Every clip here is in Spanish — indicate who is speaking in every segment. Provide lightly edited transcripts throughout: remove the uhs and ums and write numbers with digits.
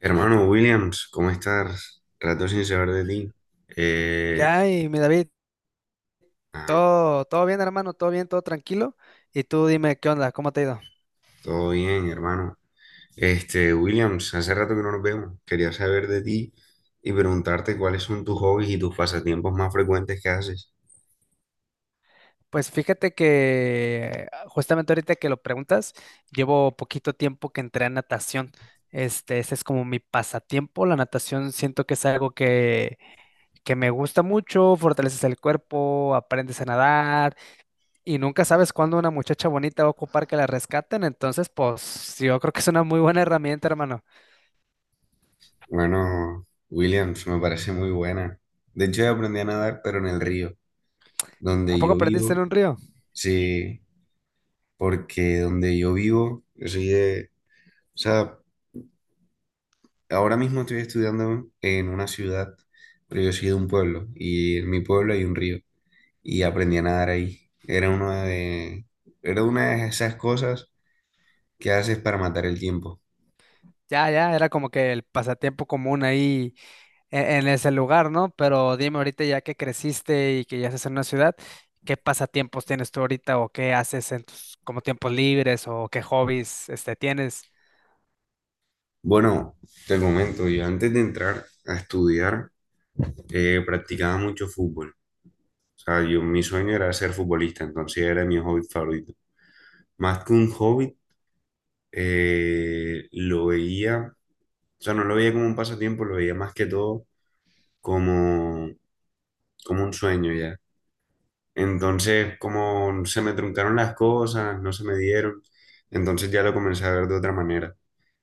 Speaker 1: Hermano Williams, ¿cómo estás? Rato sin saber de ti. Eh,
Speaker 2: Ya, y mi David,
Speaker 1: ah,
Speaker 2: todo, todo bien, hermano, todo bien, todo tranquilo. Y tú dime, ¿qué onda? ¿Cómo te ha ido?
Speaker 1: todo bien, hermano. Williams, hace rato que no nos vemos. Quería saber de ti y preguntarte cuáles son tus hobbies y tus pasatiempos más frecuentes que haces.
Speaker 2: Pues fíjate que justamente ahorita que lo preguntas, llevo poquito tiempo que entré a natación. Ese es como mi pasatiempo. La natación siento que es algo que me gusta mucho, fortaleces el cuerpo, aprendes a nadar y nunca sabes cuándo una muchacha bonita va a ocupar que la rescaten. Entonces, pues yo creo que es una muy buena herramienta, hermano.
Speaker 1: Bueno, Williams, me parece muy buena. De hecho, yo aprendí a nadar, pero en el río,
Speaker 2: ¿A
Speaker 1: donde
Speaker 2: poco
Speaker 1: yo
Speaker 2: aprendiste en
Speaker 1: vivo,
Speaker 2: un río?
Speaker 1: sí, porque donde yo vivo, o sea, ahora mismo estoy estudiando en una ciudad, pero yo soy de un pueblo y en mi pueblo hay un río y aprendí a nadar ahí. Era una de esas cosas que haces para matar el tiempo.
Speaker 2: Ya, ya, era como que el pasatiempo común ahí en ese lugar, ¿no? Pero dime ahorita ya que creciste y que ya estás en una ciudad, ¿qué pasatiempos tienes tú ahorita o qué haces en tus como tiempos libres o qué hobbies tienes?
Speaker 1: Bueno, te comento, yo antes de entrar a estudiar practicaba mucho fútbol. O sea, yo, mi sueño era ser futbolista, entonces era mi hobby favorito. Más que un hobby, eh, lo veía, o sea, no lo veía como un pasatiempo, lo veía más que todo como como un sueño ya. Entonces, como se me truncaron las cosas, no se me dieron, entonces ya lo comencé a ver de otra manera.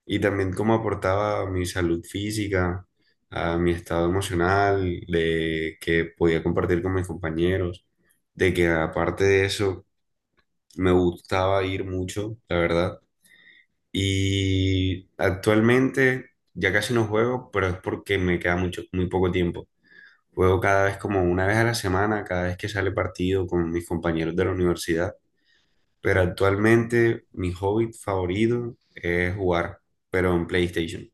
Speaker 1: Y también cómo aportaba a mi salud física, a mi estado emocional, de que podía compartir con mis compañeros, de que aparte de eso me gustaba ir mucho, la verdad. Y actualmente ya casi no juego, pero es porque me queda mucho, muy poco tiempo. Juego cada vez como una vez a la semana, cada vez que sale partido con mis compañeros de la universidad. Pero actualmente mi hobby favorito es jugar, pero en PlayStation.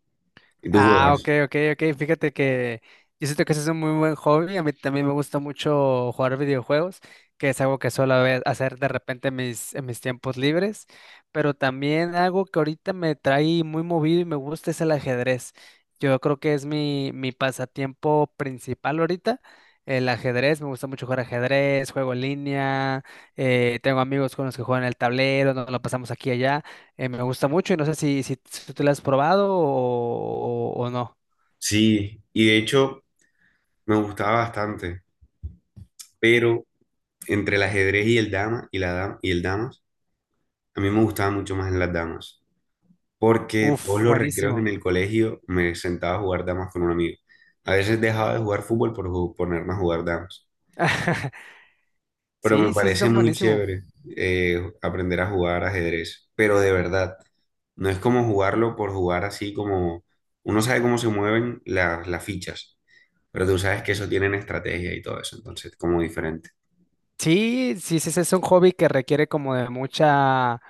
Speaker 1: ¿Y tú
Speaker 2: Ah, ok,
Speaker 1: juegas?
Speaker 2: ok, ok. Fíjate que yo siento que ese es un muy buen hobby. A mí también me gusta mucho jugar videojuegos, que es algo que suelo hacer de repente en en mis tiempos libres. Pero también algo que ahorita me trae muy movido y me gusta es el ajedrez. Yo creo que es mi pasatiempo principal ahorita. El ajedrez, me gusta mucho jugar ajedrez, juego en línea, tengo amigos con los que juegan el tablero, nos lo pasamos aquí y allá. Me gusta mucho y no sé si tú la has probado o no.
Speaker 1: Sí, y de hecho me gustaba bastante, pero entre el ajedrez y el dama y la dam- y el damas, a mí me gustaba mucho más en las damas, porque todos
Speaker 2: Uf,
Speaker 1: los recreos en
Speaker 2: buenísimo.
Speaker 1: el colegio me sentaba a jugar damas con un amigo. A veces dejaba de jugar fútbol por ponerme a jugar damas. Pero me
Speaker 2: Sí, sí, sí,
Speaker 1: parece
Speaker 2: son
Speaker 1: muy
Speaker 2: buenísimos.
Speaker 1: chévere aprender a jugar ajedrez, pero de verdad, no es como jugarlo por jugar así como uno sabe cómo se mueven las fichas, pero tú sabes que eso tienen estrategia y todo eso, entonces como diferente.
Speaker 2: Sí, sí, sí, sí, es un hobby que requiere como de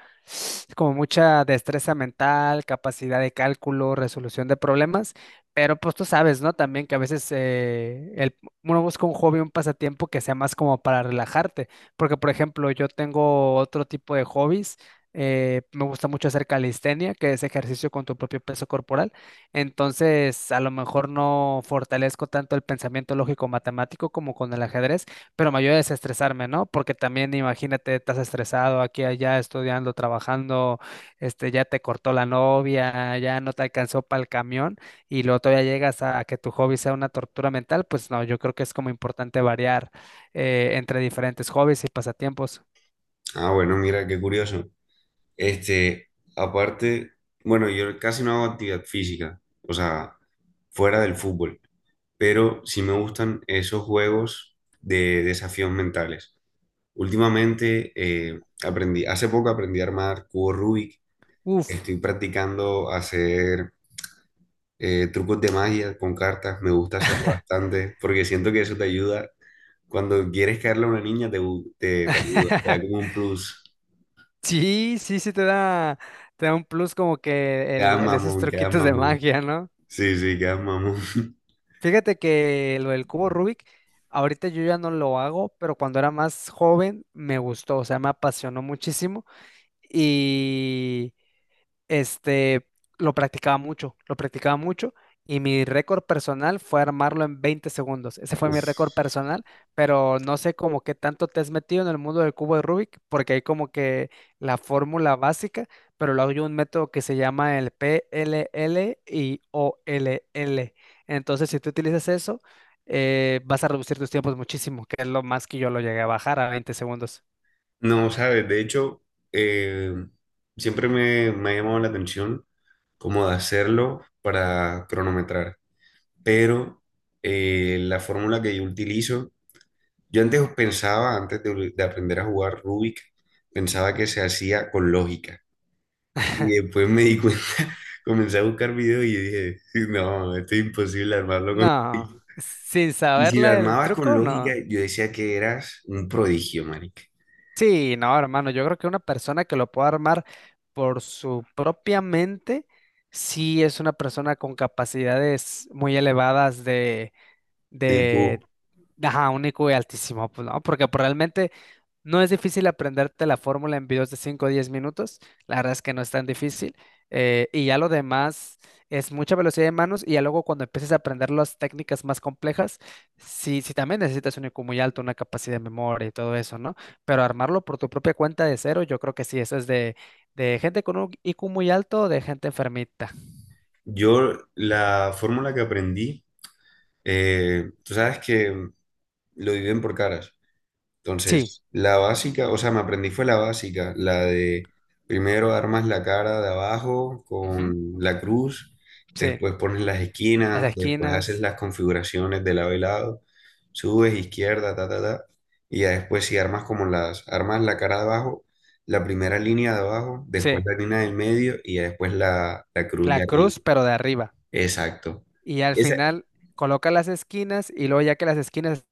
Speaker 2: como mucha destreza mental, capacidad de cálculo, resolución de problemas, pero pues tú sabes, ¿no? También que a veces uno busca un hobby, un pasatiempo que sea más como para relajarte, porque por ejemplo yo tengo otro tipo de hobbies, me gusta mucho hacer calistenia, que es ejercicio con tu propio peso corporal, entonces a lo mejor no fortalezco tanto el pensamiento lógico-matemático como con el ajedrez, pero me ayuda a desestresarme, ¿no? Porque también imagínate, estás estresado aquí, allá, estudiando, trabajando, ya te cortó la novia, ya no te alcanzó para el camión y luego todavía llegas a que tu hobby sea una tortura mental. Pues no, yo creo que es como importante variar entre diferentes hobbies y pasatiempos.
Speaker 1: Ah, bueno, mira, qué curioso. Este, aparte, bueno, yo casi no hago actividad física, o sea, fuera del fútbol, pero sí me gustan esos juegos de desafíos mentales. Últimamente hace poco aprendí a armar cubo Rubik.
Speaker 2: Uf.
Speaker 1: Estoy practicando hacer trucos de magia con cartas. Me gusta hacerlo bastante porque siento que eso te ayuda. Cuando quieres caerle a una niña, te ayuda. Te da como un plus.
Speaker 2: Sí, sí, sí te da un plus como que
Speaker 1: Quedas
Speaker 2: esos
Speaker 1: mamón, quedas
Speaker 2: truquitos de
Speaker 1: mamón.
Speaker 2: magia, ¿no?
Speaker 1: Sí, sí, quedas mamón.
Speaker 2: Fíjate que lo del cubo Rubik, ahorita yo ya no lo hago, pero cuando era más joven me gustó, o sea, me apasionó muchísimo. Y este, lo practicaba mucho y mi récord personal fue armarlo en 20 segundos. Ese fue mi
Speaker 1: Uf.
Speaker 2: récord personal, pero no sé como qué tanto te has metido en el mundo del cubo de Rubik, porque hay como que la fórmula básica, pero luego hay un método que se llama el p l PLL y OLL. Entonces, si tú utilizas eso, vas a reducir tus tiempos muchísimo, que es lo más que yo lo llegué a bajar a 20 segundos.
Speaker 1: No, sabes, de hecho, eh, siempre me ha llamado la atención como de hacerlo para cronometrar. Pero la fórmula que yo utilizo, yo antes pensaba, de aprender a jugar Rubik, pensaba que se hacía con lógica. Y después me di cuenta, comencé a buscar videos y dije, "Sí, no, esto es imposible armarlo con
Speaker 2: No,
Speaker 1: lógica.
Speaker 2: sin
Speaker 1: Y si lo
Speaker 2: saberla el
Speaker 1: armabas con
Speaker 2: truco,
Speaker 1: lógica,
Speaker 2: no.
Speaker 1: yo decía que eras un prodigio, marica.
Speaker 2: Sí, no, hermano, yo creo que una persona que lo pueda armar por su propia mente, sí es una persona con capacidades muy elevadas de,
Speaker 1: Tipo,
Speaker 2: de ajá, único y altísimo, pues, ¿no? Porque pues, realmente no es difícil aprenderte la fórmula en videos de 5 o 10 minutos. La verdad es que no es tan difícil. Y ya lo demás es mucha velocidad de manos. Y ya luego cuando empieces a aprender las técnicas más complejas, sí, sí también necesitas un IQ muy alto, una capacidad de memoria y todo eso, ¿no? Pero armarlo por tu propia cuenta de cero, yo creo que sí, eso es de, gente con un IQ muy alto o de gente enfermita.
Speaker 1: yo la fórmula que aprendí, tú sabes que lo dividen por caras.
Speaker 2: Sí,
Speaker 1: Entonces, la básica, o sea, me aprendí fue la básica, la de primero armas la cara de abajo
Speaker 2: ujú,
Speaker 1: con la cruz,
Speaker 2: sí.
Speaker 1: después pones las
Speaker 2: Las
Speaker 1: esquinas, después haces
Speaker 2: esquinas,
Speaker 1: las configuraciones de lado y lado, subes izquierda, ta, ta, ta, y ya después si armas como armas la cara de abajo, la primera línea de abajo, después
Speaker 2: sí.
Speaker 1: la línea del medio y ya después la cruz
Speaker 2: La
Speaker 1: de arriba.
Speaker 2: cruz, pero de arriba.
Speaker 1: Exacto.
Speaker 2: Y al
Speaker 1: Esa,
Speaker 2: final coloca las esquinas y luego ya que las esquinas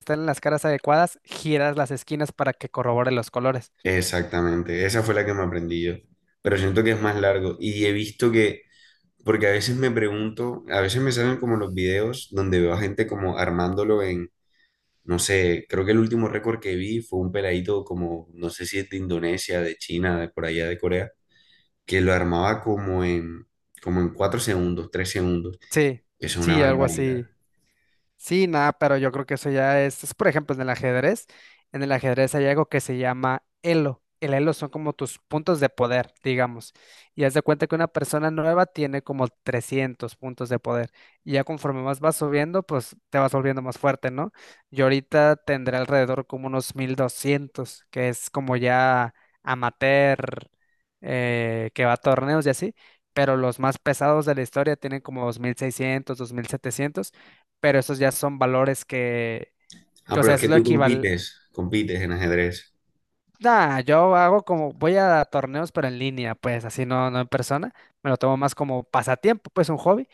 Speaker 2: están en las caras adecuadas, giras las esquinas para que corrobore los colores.
Speaker 1: exactamente, esa fue la que me aprendí yo, pero siento que es más largo y he visto que porque a veces me pregunto, a veces me salen como los videos donde veo a gente como no sé, creo que el último récord que vi fue un peladito como, no sé si es de Indonesia, de China, de por allá de Corea, que lo armaba como en 4 segundos, 3 segundos.
Speaker 2: Sí,
Speaker 1: Eso es una
Speaker 2: sí, algo
Speaker 1: barbaridad.
Speaker 2: así. Sí, nada, pero yo creo que eso ya es, por ejemplo, en el ajedrez, hay algo que se llama elo. El elo son como tus puntos de poder, digamos. Y haz de cuenta que una persona nueva tiene como 300 puntos de poder. Y ya conforme más vas subiendo, pues te vas volviendo más fuerte, ¿no? Yo ahorita tendré alrededor como unos 1.200, que es como ya amateur, que va a torneos y así. Pero los más pesados de la historia tienen como 2.600, 2.700, pero esos ya son valores que,
Speaker 1: Ah,
Speaker 2: o
Speaker 1: pero
Speaker 2: sea,
Speaker 1: es
Speaker 2: es
Speaker 1: que
Speaker 2: lo
Speaker 1: tú
Speaker 2: equivalente.
Speaker 1: compites, compites en ajedrez.
Speaker 2: Nah, yo hago como, voy a torneos, pero en línea, pues así no, no en persona. Me lo tomo más como pasatiempo, pues un hobby.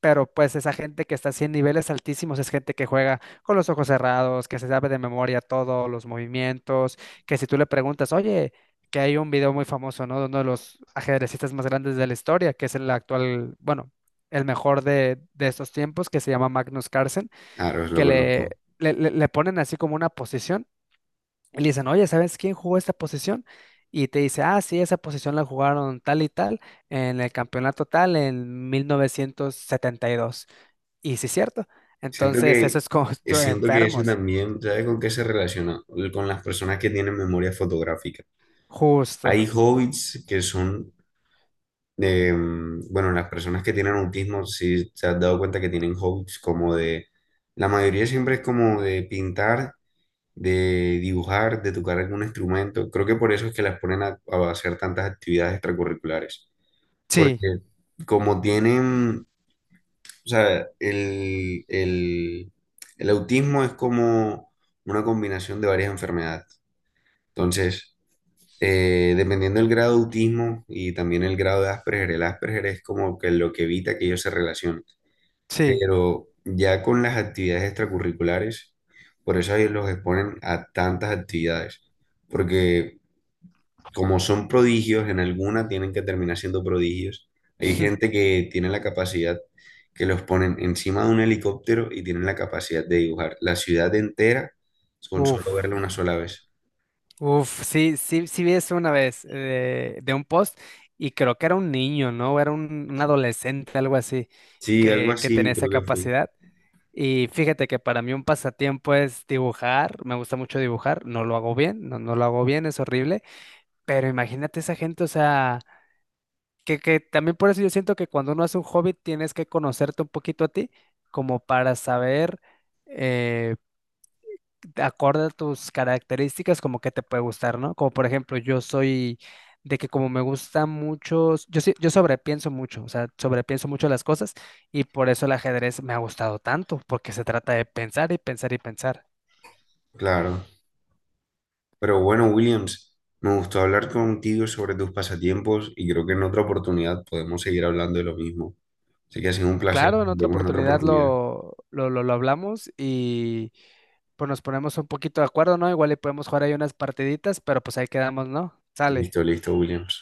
Speaker 2: Pero pues esa gente que está así en niveles altísimos es gente que juega con los ojos cerrados, que se sabe de memoria todos los movimientos, que si tú le preguntas, oye, que hay un video muy famoso, ¿no? De uno de los ajedrecistas más grandes de la historia, que es el actual, bueno, el mejor de, estos tiempos, que se llama Magnus Carlsen,
Speaker 1: Claro, lo
Speaker 2: que
Speaker 1: conozco.
Speaker 2: le ponen así como una posición y le dicen, oye, ¿sabes quién jugó esta posición? Y te dice, ah, sí, esa posición la jugaron tal y tal en el campeonato tal en 1972, y sí, es cierto.
Speaker 1: Siento
Speaker 2: Entonces, eso
Speaker 1: que,
Speaker 2: es como
Speaker 1: siento que eso
Speaker 2: enfermos.
Speaker 1: también, ¿sabes con qué se relaciona? Con las personas que tienen memoria fotográfica. Hay
Speaker 2: Justo.
Speaker 1: hobbits que son Eh, bueno, las personas que tienen autismo, si se han dado cuenta que tienen hobbies como de, la mayoría siempre es como de pintar, de dibujar, de tocar algún instrumento. Creo que por eso es que las ponen a hacer tantas actividades extracurriculares,
Speaker 2: Sí,
Speaker 1: porque como tienen, o sea, el autismo es como una combinación de varias enfermedades. Entonces, dependiendo del grado de autismo y también el grado de Asperger, el Asperger es como que lo que evita que ellos se relacionen.
Speaker 2: sí.
Speaker 1: Pero ya con las actividades extracurriculares, por eso ellos los exponen a tantas actividades, porque como son prodigios, en alguna tienen que terminar siendo prodigios. Hay gente que tiene la capacidad que los ponen encima de un helicóptero y tienen la capacidad de dibujar la ciudad entera con
Speaker 2: Uf,
Speaker 1: solo verla una sola vez.
Speaker 2: uf, sí, sí, sí vi eso una vez de un post y creo que era un niño, ¿no? Era un adolescente, algo así,
Speaker 1: Sí, algo
Speaker 2: que tenía
Speaker 1: así
Speaker 2: esa
Speaker 1: creo que fue.
Speaker 2: capacidad. Y fíjate que para mí un pasatiempo es dibujar, me gusta mucho dibujar, no lo hago bien, no, no lo hago bien, es horrible, pero imagínate esa gente, o sea, que también por eso yo siento que cuando uno hace un hobby tienes que conocerte un poquito a ti, como para saber, eh, acorde a tus características, como que te puede gustar, ¿no? Como por ejemplo, yo soy de que como me gusta mucho, yo sobrepienso mucho, o sea, sobrepienso mucho las cosas y por eso el ajedrez me ha gustado tanto, porque se trata de pensar y pensar y pensar.
Speaker 1: Claro. Pero bueno, Williams, me gustó hablar contigo sobre tus pasatiempos y creo que en otra oportunidad podemos seguir hablando de lo mismo. Así que ha sido un placer.
Speaker 2: Claro, en
Speaker 1: Nos
Speaker 2: otra
Speaker 1: vemos en otra
Speaker 2: oportunidad
Speaker 1: oportunidad.
Speaker 2: lo hablamos y pues nos ponemos un poquito de acuerdo, ¿no? Igual le podemos jugar ahí unas partiditas, pero pues ahí quedamos, ¿no? Sale.
Speaker 1: Listo, listo, Williams.